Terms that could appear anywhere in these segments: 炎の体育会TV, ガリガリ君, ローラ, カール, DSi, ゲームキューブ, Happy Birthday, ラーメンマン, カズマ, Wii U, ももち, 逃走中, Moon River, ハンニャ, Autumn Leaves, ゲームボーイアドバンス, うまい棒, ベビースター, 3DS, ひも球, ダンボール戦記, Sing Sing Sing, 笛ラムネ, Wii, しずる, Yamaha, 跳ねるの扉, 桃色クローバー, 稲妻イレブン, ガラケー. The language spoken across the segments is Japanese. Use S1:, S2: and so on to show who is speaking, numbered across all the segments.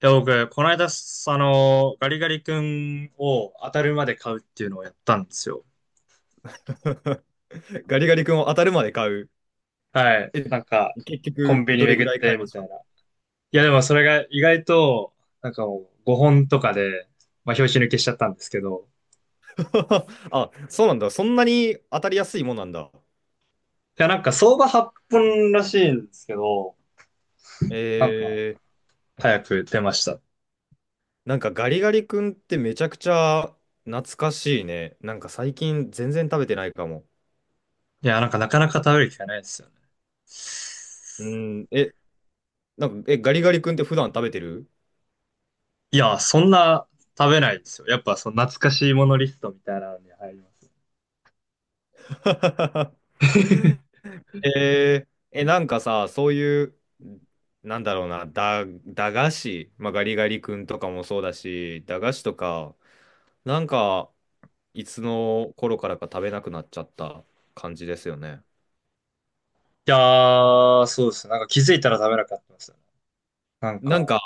S1: や、僕、この間、すあの、ガリガリ君を当たるまで買うっていうのをやったんですよ。
S2: ガリガリ君を当たるまで買う。
S1: はい。
S2: え、
S1: なんか、
S2: 結
S1: コン
S2: 局、
S1: ビニ
S2: どれぐ
S1: 巡っ
S2: らい買い
S1: て、
S2: ま
S1: み
S2: し
S1: た
S2: た？
S1: いな。いや、でもそれが意外と、なんかもう5本とかで、まあ、拍子抜けしちゃったんですけど。
S2: あ、そうなんだ。そんなに当たりやすいもんなんだ。
S1: いや、なんか相場8本らしいんですけど、
S2: え
S1: なんか、
S2: ー、
S1: 早く出ました。
S2: なんかガリガリ君ってめちゃくちゃ懐かしいね。なんか最近全然食べてないかも。
S1: いや、なんかなかなか食べる機会ないですよね。
S2: うん、なんか、ガリガリ君って普段食べてる？
S1: いや、そんな食べないですよ。やっぱ、その懐かしいものリストみたいなのに入ります。
S2: なんかさ、そういう、なんだろうな、駄菓子、まあ、ガリガリ君とかもそうだし、駄菓子とか、なんか、いつの頃からか食べなくなっちゃった感じですよね。
S1: いやー、そうですね。なんか気づいたら食べなかったですよね。なん
S2: なん
S1: か、
S2: か、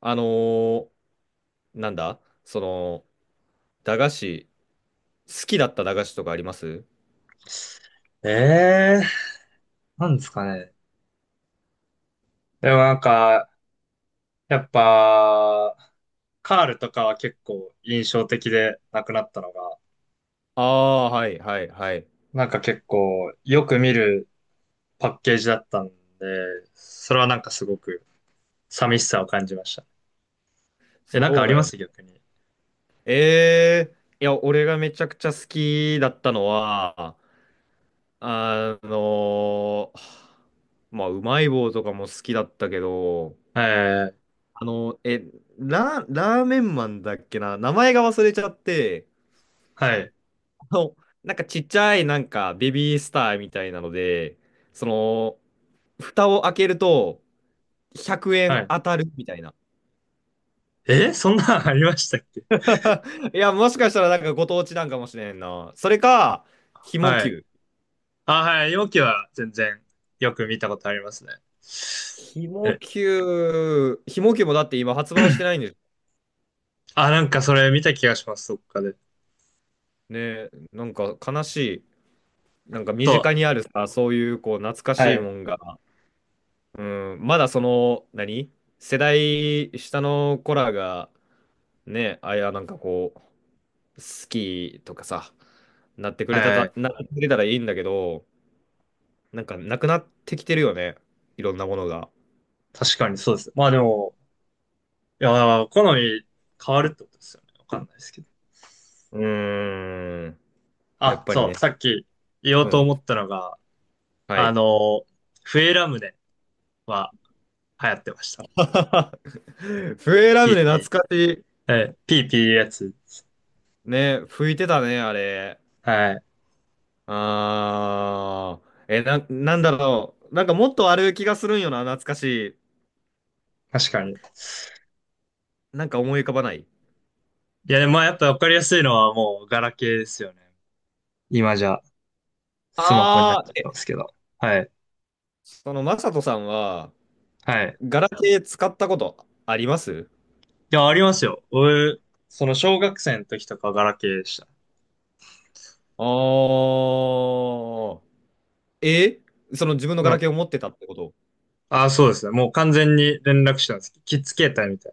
S2: あのーなんだその、駄菓子、好きだった駄菓子とかあります？
S1: えー、なんですかね。でもなんか、やっぱ、カールとかは結構印象的でなくなったのが、
S2: ああー、はいはいはい。
S1: なんか結構よく見るパッケージだったんで、それはなんかすごく寂しさを感じましたね。え、なんか
S2: そ
S1: あ
S2: う
S1: り
S2: だ
S1: ま
S2: よね。
S1: す逆に？
S2: えいや、俺がめちゃくちゃ好きだったのは、あのーまあ、うまい棒とかも好きだったけど、
S1: えー、
S2: あの、え、ラーメンマンだっけな、名前が忘れちゃって、
S1: はい、
S2: のなんかちっちゃいなんかベビースターみたいなので、その、蓋を開けると100
S1: は
S2: 円
S1: い。
S2: 当たるみたいな。
S1: そんなんありましたっけ？
S2: いや、もしかしたらなんかご当地なんかもしれんな。それか、ひも
S1: はい。
S2: 球。
S1: あ、はい、容器は全然よく見たことありますね。え、
S2: ひも球もだって今発売してないんです
S1: あ、なんかそれ見た気がします、そっかで。
S2: ね。なんか悲しい。なんか身
S1: そ
S2: 近にあるさ、そういうこう懐か
S1: う。は
S2: しい
S1: い。
S2: もんが、うん、まだその、何世代下の子らがね、なんか好きとかさ、
S1: はい。
S2: なってくれたらいいんだけど、なんかなくなってきてるよね。いろんなものが。
S1: 確かにそうです。まあでも、いや、好み変わるってことですよね。わかんないですけど。
S2: うーん。やっ
S1: あ、
S2: ぱり
S1: そう、
S2: ね。
S1: さっき言おう
S2: う
S1: と
S2: ん。
S1: 思ったのが、
S2: は
S1: あ
S2: い。
S1: の、笛ラムネは流行ってました。
S2: 笛ラムネ懐かし
S1: PP。え、PP いピーピーやつ。
S2: い。ね、吹いてたね、あれ。
S1: はい。
S2: あー。なんだろう。なんかもっとある気がするんよな、懐かし
S1: 確かに。い
S2: い。なんか思い浮かばない。
S1: や、でもまあやっぱわかりやすいのはもうガラケーですよね。今じゃ。スマホになっ
S2: あー。
S1: ちゃってますけど。はい。
S2: その、マサトさんは、
S1: はい。
S2: ガラケー使ったことあります？
S1: いや、ありますよ。俺、その小学生の時とかはガラケーでした。
S2: ああ。えその自分のガ
S1: な
S2: ラ
S1: んか、
S2: ケーを持ってたってこと？
S1: ああ、そうですね。もう完全に連絡手段です。キッズ携帯みたい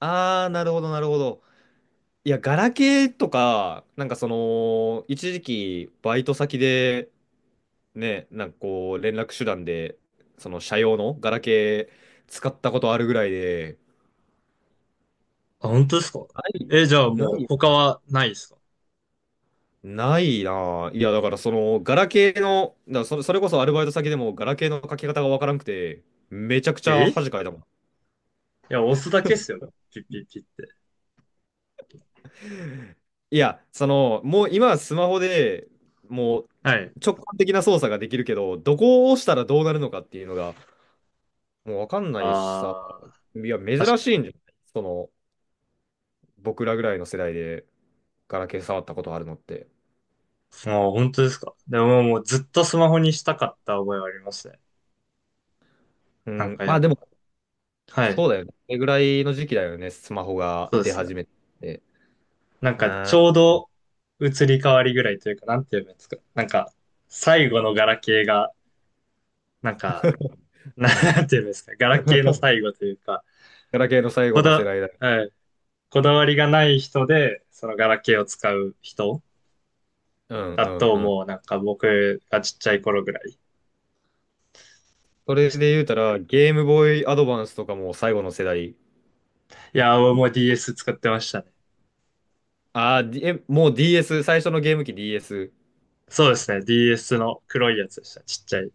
S2: ああー、なるほど、なるほど。いや、ガラケーとか、なんかその、一時期、バイト先で、ね、なんかこう、連絡手段で、その、社用のガラケー使ったことあるぐらいで、
S1: な。あ、本当ですか？
S2: な
S1: え、じゃあも
S2: な
S1: う
S2: い
S1: 他
S2: よ
S1: はないですか？
S2: な。ないなあ。いや、だからその、ガラケーの、だからそれこそアルバイト先でも、ガラケーの書き方がわからんくて、めちゃくちゃ
S1: い
S2: 恥かいたもん。
S1: や、押すだけっすよ。ピッピッピッって。
S2: いや、その、もう今はスマホでもう
S1: はい。
S2: 直感的な操作ができるけど、どこを押したらどうなるのかっていうのがもうわかんないしさ、
S1: ああ、
S2: いや、
S1: 確
S2: 珍
S1: かに。
S2: しいんじゃない？その、僕らぐらいの世代でガラケー触ったことあるのって。
S1: もう本当ですか？でももうずっとスマホにしたかった覚えはありますね。
S2: う
S1: なん
S2: ん、
S1: か
S2: ま
S1: や
S2: あ
S1: っ
S2: でも、
S1: ぱ。はい。
S2: そうだよね。それぐらいの時期だよね、スマホが
S1: そうで
S2: 出
S1: すね。
S2: 始めて。
S1: なん
S2: う
S1: か、ち
S2: ん、
S1: ょうど移り変わりぐらいというか、なんて言えばいいんですか？なんか、最後のガラケーが、なんか、
S2: う ん。
S1: なんて言えばいいんですか？ガラケーの最 後というか、
S2: ガラケーの最後
S1: こ
S2: の世
S1: だ、
S2: 代だ。
S1: はい、こだわりがない人で、そのガラケーを使う人
S2: うん、
S1: だ
S2: うん、
S1: と、
S2: うん。
S1: もうなんか僕がちっちゃい頃ぐらい
S2: そ
S1: で
S2: れ
S1: した。
S2: で言うたら、ゲームボーイアドバンスとかも最後の世代？
S1: いやー、もう DS 使ってましたね。
S2: ああ、もう DS、最初のゲーム機 DS。
S1: そうですね。DS の黒いやつでした。ちっちゃい。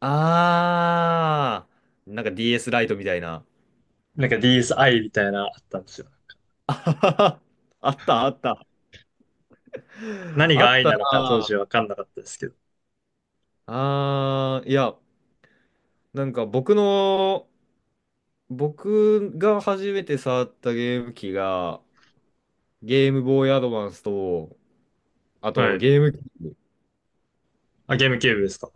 S2: ああ、なんか DS ライトみたいな。
S1: なんか DSi みたいなのあったんですよ。
S2: あったあった。
S1: 何
S2: あ
S1: が
S2: っ
S1: i
S2: た
S1: なのか当時
S2: な。
S1: わかんなかったですけど。
S2: ああ、いや、なんか僕が初めて触ったゲーム機が、ゲームボーイアドバンスと、あ
S1: は
S2: と
S1: い。
S2: ブ、
S1: あ、ゲームキューブですか？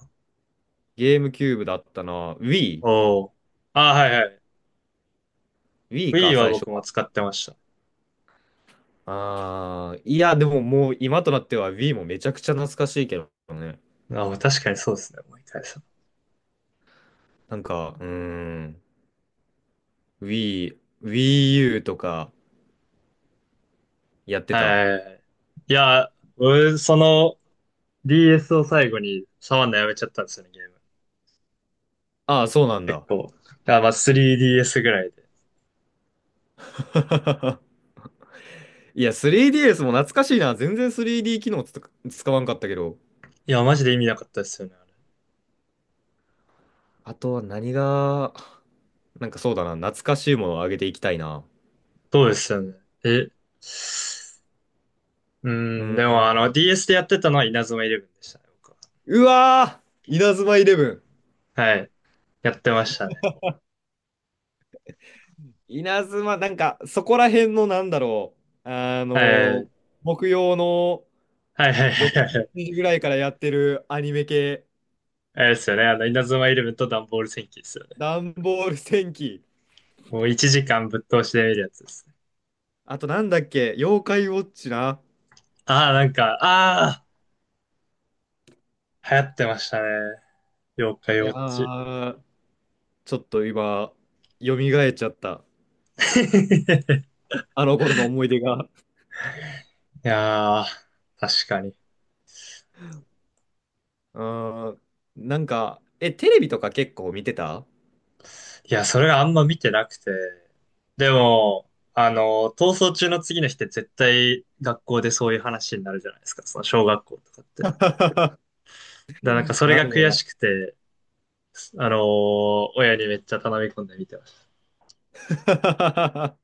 S2: ゲームキューブだったな。
S1: おー。あ、はいはい。
S2: Wii
S1: Wii
S2: か、
S1: は
S2: 最初
S1: 僕も
S2: は。
S1: 使ってました。
S2: ああ、いや、でももう今となっては Wii もめちゃくちゃ懐かしいけどね。
S1: あ、もう確かにそうですね、思い返せば。
S2: なんか、うーん、Wii、Wii U とかやって
S1: はい
S2: た。
S1: はいはい。いや、俺、その DS を最後に触んのやめちゃったんですよね、ゲーム。
S2: ああ、そうなん
S1: 結
S2: だ。
S1: 構。あ、まあ 3DS ぐらいで。
S2: いや、3DS も懐かしいな。全然 3D 機能使わんかったけど。
S1: いや、マジで意味なかったですよね、あれ。
S2: あとは何が、なんかそうだな。懐かしいものをあげていきたいな。
S1: そうですよね。え、う
S2: う
S1: ん、
S2: ん。
S1: でもあの DS でやってたのは稲妻イレブンでしたね、僕は。
S2: うわー稲妻イレブン。
S1: はい。やってましたね。
S2: なんか、そこら辺のなんだろう。
S1: はい。
S2: ー木曜の
S1: はいはいは
S2: 6
S1: いはい。
S2: 時ぐらいからやってるアニメ系、
S1: あれですよね、あの稲妻イレブンとダンボール戦記ですよね。
S2: ダンボール戦記。
S1: もう1時間ぶっ通しで見るやつですね。
S2: あとなんだっけ、妖怪ウォッチな。
S1: ああ、なんか、ああ、流行ってましたね。妖怪
S2: い
S1: ウォ
S2: や
S1: ッチ。
S2: ー、ちょっと今、蘇っちゃった。あの頃の思い出が。
S1: いやー、確かに。
S2: うーん、なんか、テレビとか結構見てた？
S1: いや、それがあんま見てなくて。でも、逃走中の次の日って絶対学校でそういう話になるじゃないですか。その小学校とかって。だか らなん
S2: う
S1: か
S2: ん
S1: それ
S2: な
S1: が
S2: るほ
S1: 悔
S2: どな。
S1: しくて、あのー親にめっちゃ頼み込んで見てまし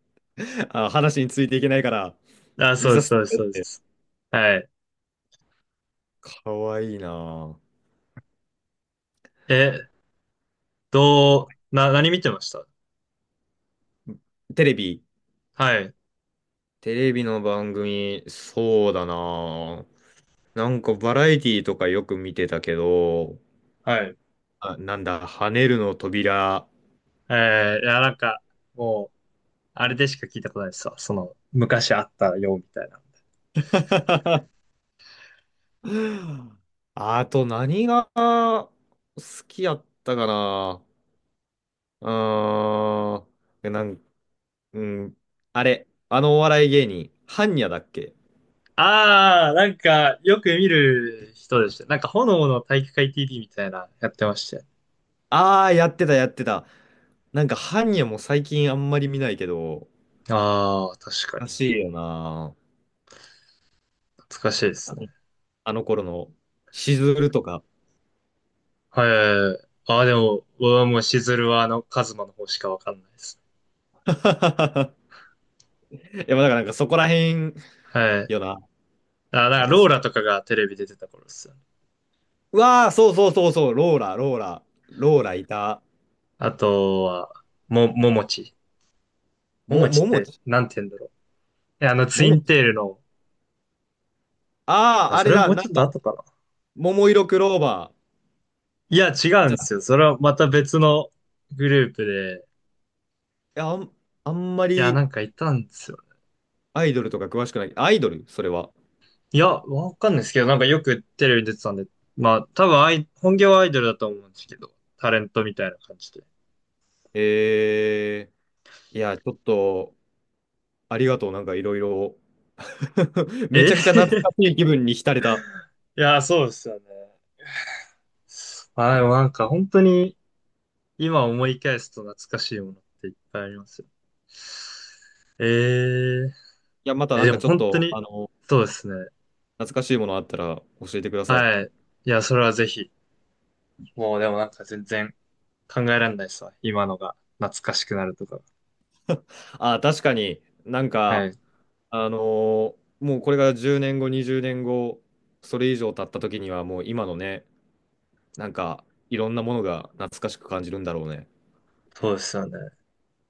S2: あ、話についていけないから、
S1: た。あ、そ
S2: 見
S1: うで
S2: さ
S1: す、
S2: せ
S1: そ
S2: て
S1: うで
S2: く
S1: す、
S2: れっ
S1: そうで
S2: て。
S1: す。はい。
S2: かわいいな
S1: え、どう、な、何見てました？
S2: あ。テレビ。
S1: はい、
S2: テレビの番組、そうだなあ。なんかバラエティとかよく見てたけど、
S1: はい。
S2: あ、なんだ、跳ねるの扉。
S1: いや、なんか、もう、あれでしか聞いたことないですわ。その、昔あったよ、みたいな。
S2: あと何が好きやったかな。うーん。うん。あれ、あのお笑い芸人、ハンニャだっけ？
S1: ああ、なんか、よく見る人でした。なんか、炎の体育会 TV みたいな、やってまして。
S2: ああー、やってた、やってた。なんか、ハンニャも最近あんまり見ないけど、
S1: ああ、確かに。
S2: らしいよな。
S1: 懐かしいですね。
S2: あの頃の、しずるとか。
S1: はい。ああ、でも、僕はもう、しずるは、カズマの方しかわかんないです。
S2: いや、まあだからなんかそこらへん
S1: はい。
S2: よな。
S1: あ、なん
S2: な
S1: か、
S2: んか
S1: ロー
S2: そ、
S1: ラとかがテレビで出てた頃ですよね。
S2: うわあ、そうそうそうそう、ローラ、ローラ、ローラいた。
S1: あとは、ももち。ももちっ
S2: もも
S1: て、
S2: ち、
S1: なんて言うんだろう。えあの、ツ
S2: も
S1: イ
S2: も
S1: ン
S2: ち。
S1: テールの、
S2: ああ、
S1: あ、
S2: あ
S1: そ
S2: れ
S1: れも
S2: だ、
S1: う
S2: なん
S1: ちょっと
S2: だ。
S1: 後かな。
S2: 桃色クローバー。
S1: いや、違うん
S2: じ
S1: で
S2: ゃ、
S1: すよ。
S2: い
S1: それはまた別のグループで。
S2: やあんま
S1: いや、な
S2: り
S1: んかいたんですよね。
S2: アイドルとか詳しくない。アイドルそれは。
S1: いや、わかんないですけど、なんかよくテレビに出てたんで。まあ、多分本業はアイドルだと思うんですけど、タレントみたいな感じで。
S2: えいや、ちょっと、ありがとう。なんかいろいろ。め
S1: え
S2: ちゃくちゃ
S1: い
S2: 懐かしい気分に浸れた。
S1: や、そうですよね。まあ、でもなんか本当に今思い返すと懐かしいものっていっぱいありますよ。えー、
S2: いや、また
S1: え、
S2: なん
S1: で
S2: か
S1: も
S2: ちょっ
S1: 本当
S2: と、
S1: に、
S2: あの、
S1: そうですね。
S2: 懐かしいものあったら教えてください。
S1: はい。いや、それはぜひ。もうでもなんか全然考えられないですわ。今のが懐かしくなるとか。
S2: あ、確かになん
S1: は
S2: か、
S1: い。
S2: もうこれが10年後、20年後、それ以上経った時にはもう今のね、なんかいろんなものが懐かしく感じるんだろうね。
S1: そうですよね。